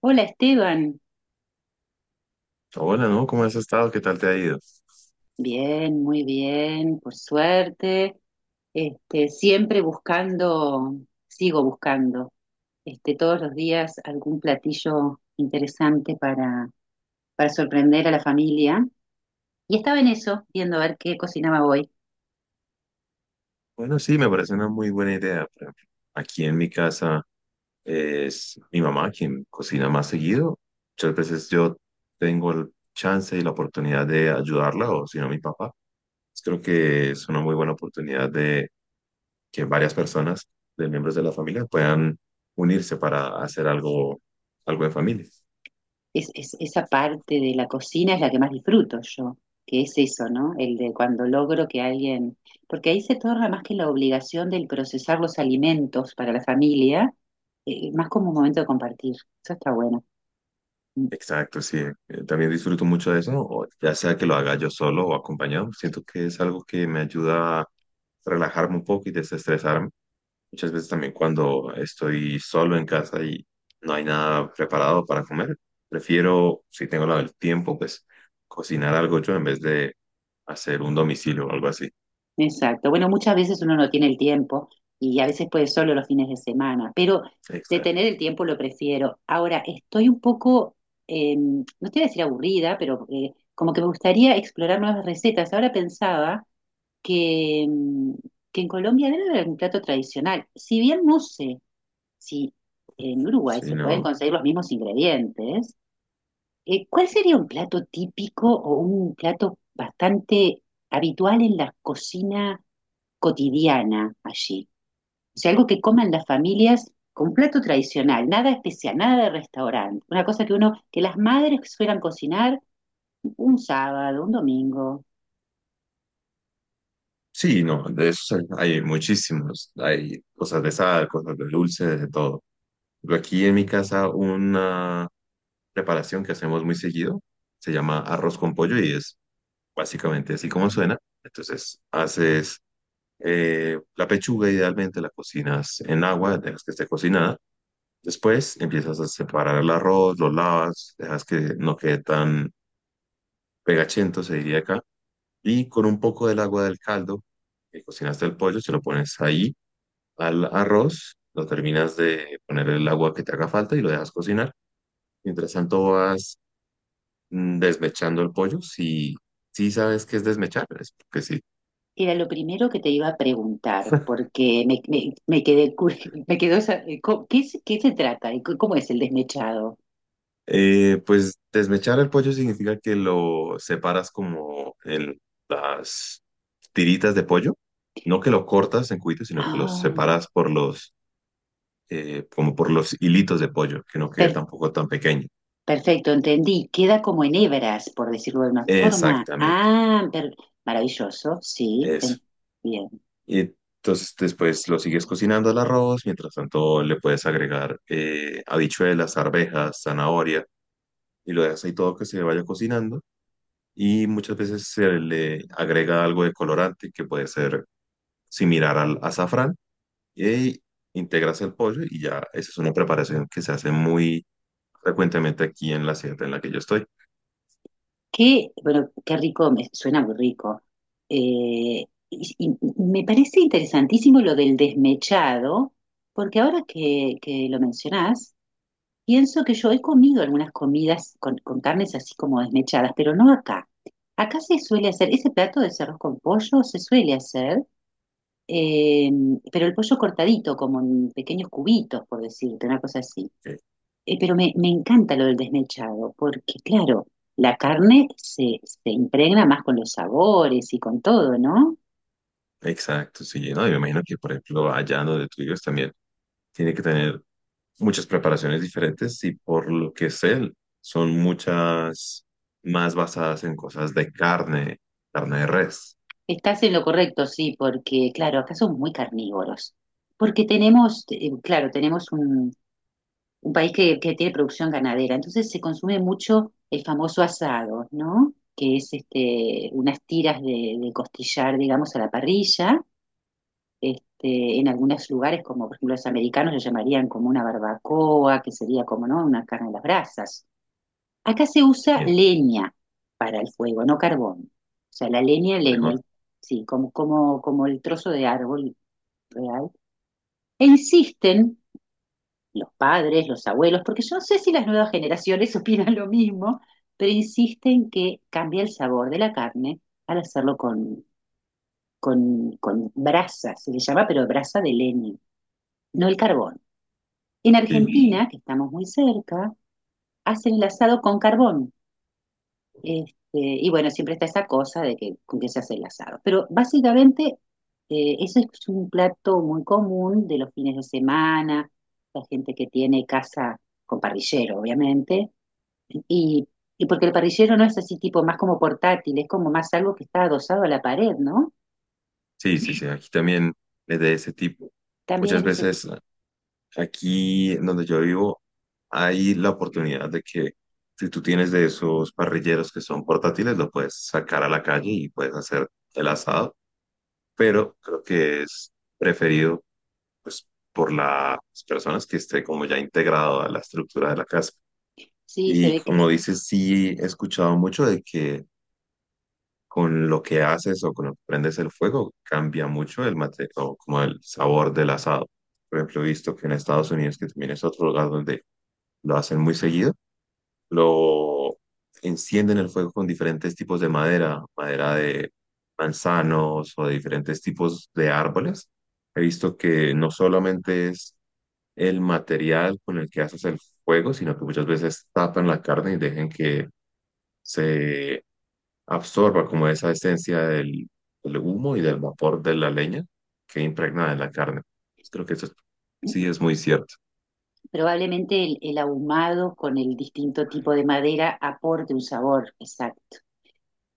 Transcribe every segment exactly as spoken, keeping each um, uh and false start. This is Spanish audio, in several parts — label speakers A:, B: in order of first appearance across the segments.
A: Hola Esteban,
B: Hola, ¿no? ¿Cómo has estado? ¿Qué tal te ha ido?
A: bien, muy bien, por suerte. Este, siempre buscando, sigo buscando, este, todos los días algún platillo interesante para, para sorprender a la familia. Y estaba en eso, viendo a ver qué cocinaba hoy.
B: Bueno, sí, me parece una muy buena idea. Por ejemplo, aquí en mi casa es mi mamá quien cocina más seguido. Muchas veces yo tengo el chance y la oportunidad de ayudarla, o si no, mi papá. Pues creo que es una muy buena oportunidad de que varias personas, de miembros de la familia, puedan unirse para hacer algo, algo en familia.
A: es, es- esa parte de la cocina es la que más disfruto yo, que es eso, ¿no? El de cuando logro que alguien, porque ahí se torna más que la obligación del procesar los alimentos para la familia, eh, más como un momento de compartir. Eso está bueno. Mm.
B: Exacto, sí. eh, También disfruto mucho de eso, o ya sea que lo haga yo solo o acompañado. Siento que es algo que me ayuda a relajarme un poco y desestresarme. Muchas veces también cuando estoy solo en casa y no hay nada preparado para comer, prefiero, si tengo la- el tiempo, pues cocinar algo yo en vez de hacer un domicilio o algo así.
A: Exacto. Bueno, muchas veces uno no tiene el tiempo y a veces puede solo los fines de semana, pero de tener
B: Exacto.
A: el tiempo lo prefiero. Ahora, estoy un poco, eh, no te voy a decir aburrida, pero eh, como que me gustaría explorar nuevas recetas. Ahora pensaba que, mm, que en Colombia debe haber un plato tradicional. Si bien no sé si en Uruguay
B: Sí,
A: se pueden
B: no.
A: conseguir los mismos ingredientes, eh, ¿cuál sería un plato típico o un plato bastante habitual en la cocina cotidiana allí? O sea, algo que coman las familias, con plato tradicional, nada especial, nada de restaurante. Una cosa que uno, que las madres suelen cocinar un sábado, un domingo.
B: Sí, no, de eso hay muchísimos. Hay cosas de sal, cosas de dulce, de todo. Pero aquí en mi casa una preparación que hacemos muy seguido se llama arroz con pollo y es básicamente así como suena. Entonces haces eh, la pechuga idealmente, la cocinas en agua, dejas que esté cocinada. Después empiezas a separar el arroz, lo lavas, dejas que no quede tan pegachento, se diría acá. Y con un poco del agua del caldo que cocinaste el pollo, se lo pones ahí al arroz, lo terminas de poner el agua que te haga falta y lo dejas cocinar. Mientras tanto vas mm, desmechando el pollo. Si, si sabes qué es desmechar, es porque sí.
A: Era lo primero que te iba a preguntar, porque me, me, me quedé, cu- me quedó esa, eh, co- ¿qué, es- qué se trata? ¿Y cu- ¿Cómo es el desmechado?
B: Eh, pues desmechar el pollo significa que lo separas como en las tiritas de pollo. No que lo cortas en cubitos, sino que los
A: Ah,
B: separas por los, eh, como por los hilitos de pollo, que no quede
A: per-
B: tampoco tan pequeño.
A: perfecto, entendí. Queda como en hebras, por decirlo de una forma.
B: Exactamente,
A: Ah, per- maravilloso, sí.
B: eso.
A: En- bien.
B: Y entonces después lo sigues cocinando el arroz, mientras tanto le puedes agregar eh, habichuelas, arvejas, zanahoria y lo dejas ahí todo que se vaya cocinando. Y muchas veces se le agrega algo de colorante que puede ser similar al azafrán y integras el pollo y ya esa es una preparación que se hace muy frecuentemente aquí en la sierra en la que yo estoy.
A: Qué, bueno, qué rico, me, suena muy rico. Eh, y, y me parece interesantísimo lo del desmechado, porque ahora que, que lo mencionás, pienso que yo he comido algunas comidas con, con carnes así como desmechadas, pero no acá. Acá se suele hacer, ese plato de arroz con pollo se suele hacer, eh, pero el pollo cortadito, como en pequeños cubitos, por decirte, una cosa así.
B: Ok.
A: Eh, pero me, me encanta lo del desmechado, porque claro, la carne se, se impregna más con los sabores y con todo, ¿no?
B: Exacto, sí, no, yo me imagino que por ejemplo allá donde tú vives también tiene que tener muchas preparaciones diferentes y por lo que sé, son muchas más basadas en cosas de carne, carne de res,
A: Estás en lo correcto, sí, porque claro, acá somos muy carnívoros, porque tenemos, eh, claro, tenemos un, un país que, que tiene producción ganadera. Entonces se consume mucho el famoso asado, ¿no? Que es este, unas tiras de, de costillar, digamos, a la parrilla. Este, en algunos lugares, como por ejemplo los americanos, lo llamarían como una barbacoa, que sería como, ¿no? Una carne a las brasas. Acá se usa
B: bien,
A: leña para el fuego, no carbón. O sea, la leña, leña,
B: mejor.
A: el- sí, como, como, como el trozo de árbol real. E insisten los padres, los abuelos, porque yo no sé si las nuevas generaciones opinan lo mismo, pero insisten que cambia el sabor de la carne al hacerlo con, con, con brasa, se le llama, pero brasa de leña, no el carbón. En
B: Sí,
A: Argentina, que estamos muy cerca, hacen el asado con carbón. Este, y bueno, siempre está esa cosa de que con qué se hace el asado. Pero básicamente eh, eso es un plato muy común de los fines de semana, la gente que tiene casa con parrillero, obviamente. Y, y porque el parrillero no es así tipo más como portátil, es como más algo que está adosado a la pared, ¿no?
B: sí, sí, sí, aquí también es de ese tipo.
A: También es
B: Muchas
A: de ese
B: veces
A: tipo.
B: aquí en donde yo vivo hay la oportunidad de que si tú tienes de esos parrilleros que son portátiles, lo puedes sacar a la calle y puedes hacer el asado, pero creo que es preferido pues por las personas que esté como ya integrado a la estructura de la casa.
A: Sí, se
B: Y
A: ve que
B: como
A: sí.
B: dices, sí he escuchado mucho de que con lo que haces o con lo que prendes el fuego cambia mucho el mate o como el sabor del asado. Por ejemplo, he visto que en Estados Unidos, que también es otro lugar donde lo hacen muy seguido, lo encienden el fuego con diferentes tipos de madera, madera de manzanos o de diferentes tipos de árboles. He visto que no solamente es el material con el que haces el fuego, sino que muchas veces tapan la carne y dejen que se absorba como esa esencia del, del humo y del vapor de la leña que impregna en la carne. Pues creo que eso es- sí es muy cierto.
A: Probablemente el, el ahumado con el distinto tipo de madera aporte un sabor, exacto.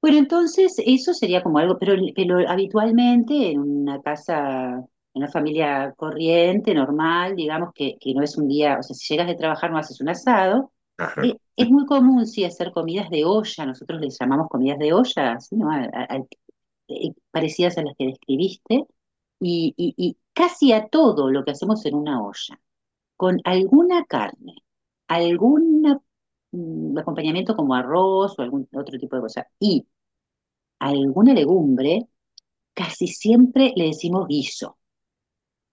A: Bueno, entonces eso sería como algo, pero, pero habitualmente en una casa, en una familia corriente, normal, digamos que, que no es un día, o sea, si llegas de trabajar no haces un asado.
B: Claro,
A: eh,
B: ¿no?
A: es muy común sí hacer comidas de olla, nosotros les llamamos comidas de olla, ¿sí? ¿no? A- a- a- eh, parecidas a las que describiste, y, y, y casi a todo lo que hacemos en una olla, con alguna carne, algún mm, acompañamiento como arroz o algún otro tipo de cosa, y alguna legumbre, casi siempre le decimos guiso.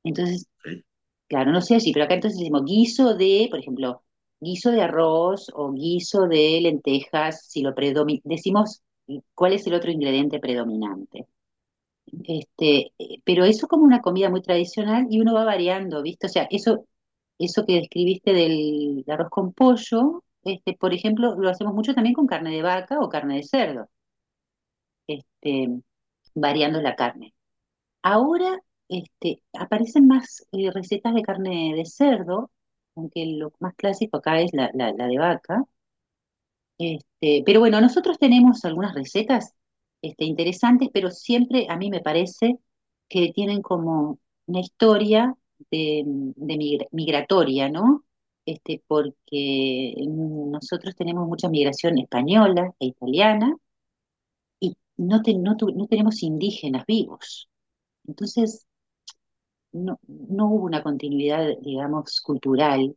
A: Entonces,
B: Ok.
A: claro, no sé así, pero acá entonces decimos guiso de, por ejemplo, guiso de arroz o guiso de lentejas, si lo predomina, decimos eh, cuál es el otro ingrediente predominante. Este, eh, pero eso como una comida muy tradicional y uno va variando, ¿viste? O sea, eso, eso que describiste del arroz con pollo, este, por ejemplo, lo hacemos mucho también con carne de vaca o carne de cerdo, este, variando la carne. Ahora este, aparecen más eh, recetas de carne de cerdo, aunque lo más clásico acá es la, la- la de vaca. Este, pero bueno, nosotros tenemos algunas recetas este, interesantes, pero siempre a mí me parece que tienen como una historia de, de migra- migratoria, ¿no? Este, porque nosotros tenemos mucha migración española e italiana y no, te- no tu- no tenemos indígenas vivos. Entonces, no, no hubo una continuidad, digamos, cultural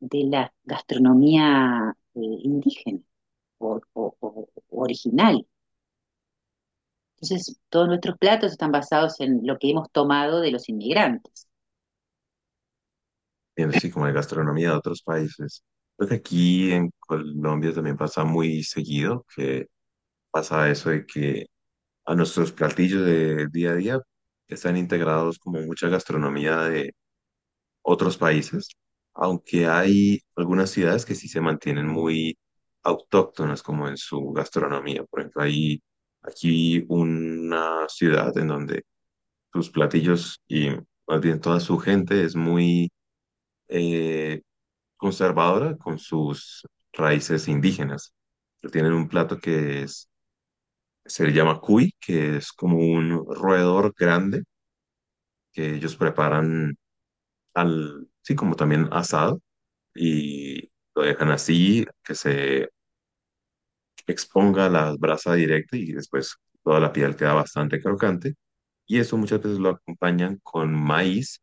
A: de la gastronomía eh, indígena o, o- o- o original. Entonces, todos nuestros platos están basados en lo que hemos tomado de los inmigrantes.
B: Viendo así como la gastronomía de otros países. Creo que aquí en Colombia también pasa muy seguido que pasa eso de que a nuestros platillos de día a día que están integrados como mucha gastronomía de otros países, aunque hay algunas ciudades que sí se mantienen muy autóctonas como en su gastronomía. Por ejemplo, hay aquí una ciudad en donde sus platillos y más bien toda su gente es muy eh, conservadora con sus raíces indígenas. Tienen un plato que es, se le llama cuy, que es como un roedor grande que ellos preparan al, sí, como también asado y lo dejan así, que se exponga la brasa directa y después toda la piel queda bastante crocante. Y eso muchas veces lo acompañan con maíz,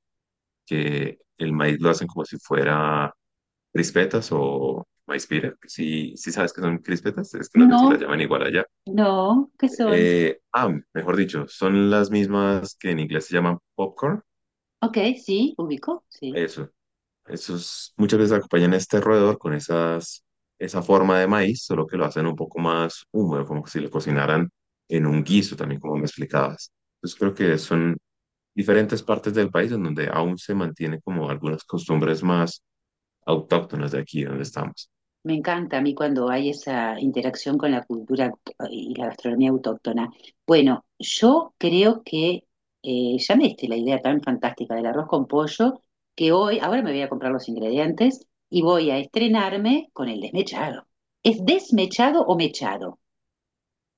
B: que el maíz lo hacen como si fuera crispetas o maíz pira. Si, si sabes que son crispetas, es que no sé si las
A: No,
B: llaman igual allá.
A: no, ¿qué son?
B: Eh, ah, mejor dicho, son las mismas que en inglés se llaman popcorn.
A: Ok, sí, ubico, sí.
B: Eso. Esos muchas veces acompañan este roedor con esas, esa forma de maíz, solo que lo hacen un poco más húmedo, como si lo cocinaran en un guiso también, como me explicabas. Entonces creo que son diferentes partes del país en donde aún se mantiene como algunas costumbres más autóctonas de aquí donde estamos.
A: Me encanta a mí cuando hay esa interacción con la cultura auto- y la gastronomía autóctona. Bueno, yo creo que eh, ya me diste la idea tan fantástica del arroz con pollo que hoy, ahora me voy a comprar los ingredientes y voy a estrenarme con el desmechado. ¿Es desmechado o mechado?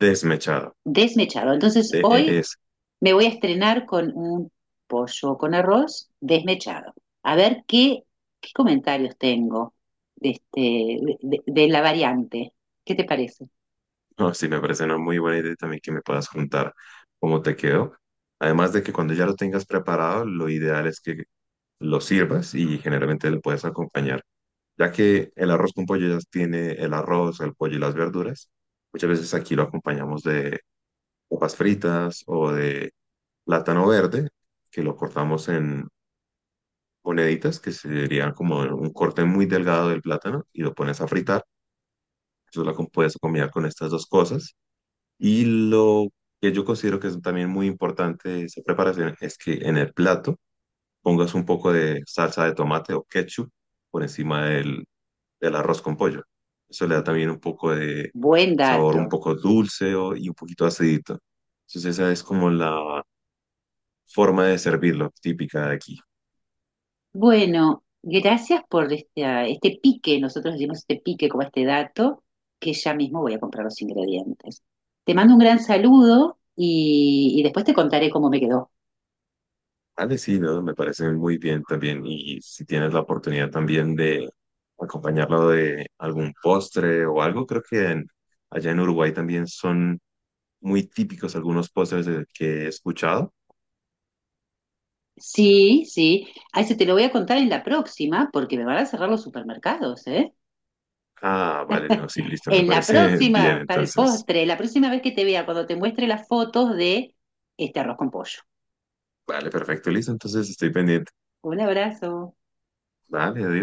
B: Desmechado.
A: Desmechado. Entonces
B: De- e-
A: hoy
B: Es,
A: me voy a estrenar con un pollo con arroz desmechado. A ver qué, qué comentarios tengo de, este, de, de- de la variante. ¿Qué te parece?
B: no, sí, me parece una muy buena idea también que me puedas contar cómo te quedó. Además de que cuando ya lo tengas preparado, lo ideal es que lo sirvas y generalmente lo puedes acompañar ya que el arroz con pollo ya tiene el arroz, el pollo y las verduras. Muchas veces aquí lo acompañamos de papas fritas o de plátano verde, que lo cortamos en moneditas, que serían como un corte muy delgado del plátano, y lo pones a fritar. Eso lo com- puedes combinar con estas dos cosas. Y lo que yo considero que es también muy importante de esa preparación es que en el plato pongas un poco de salsa de tomate o ketchup por encima del del arroz con pollo. Eso le da también un poco de
A: Buen
B: sabor un
A: dato.
B: poco dulce o- y un poquito acidito. Entonces esa es como la forma de servirlo típica de aquí.
A: Bueno, gracias por este, ah, este pique. Nosotros decimos este pique como este dato, que ya mismo voy a comprar los ingredientes. Te mando un gran saludo y, y después te contaré cómo me quedó.
B: Vale, sí, ¿no? Me parece muy bien también. Y si tienes la oportunidad también de acompañarlo de algún postre o algo, creo que en- allá en Uruguay también son muy típicos algunos postres de- que he escuchado.
A: Sí, sí. A ese te lo voy a contar en la próxima, porque me van a cerrar los supermercados, ¿eh?
B: Ah, vale, no, sí, listo, me
A: En la
B: parece bien.
A: próxima, para el
B: Entonces,
A: postre, la próxima vez que te vea, cuando te muestre las fotos de este arroz con pollo.
B: vale, perfecto, listo. Entonces estoy pendiente.
A: Un abrazo.
B: Vale, adiós.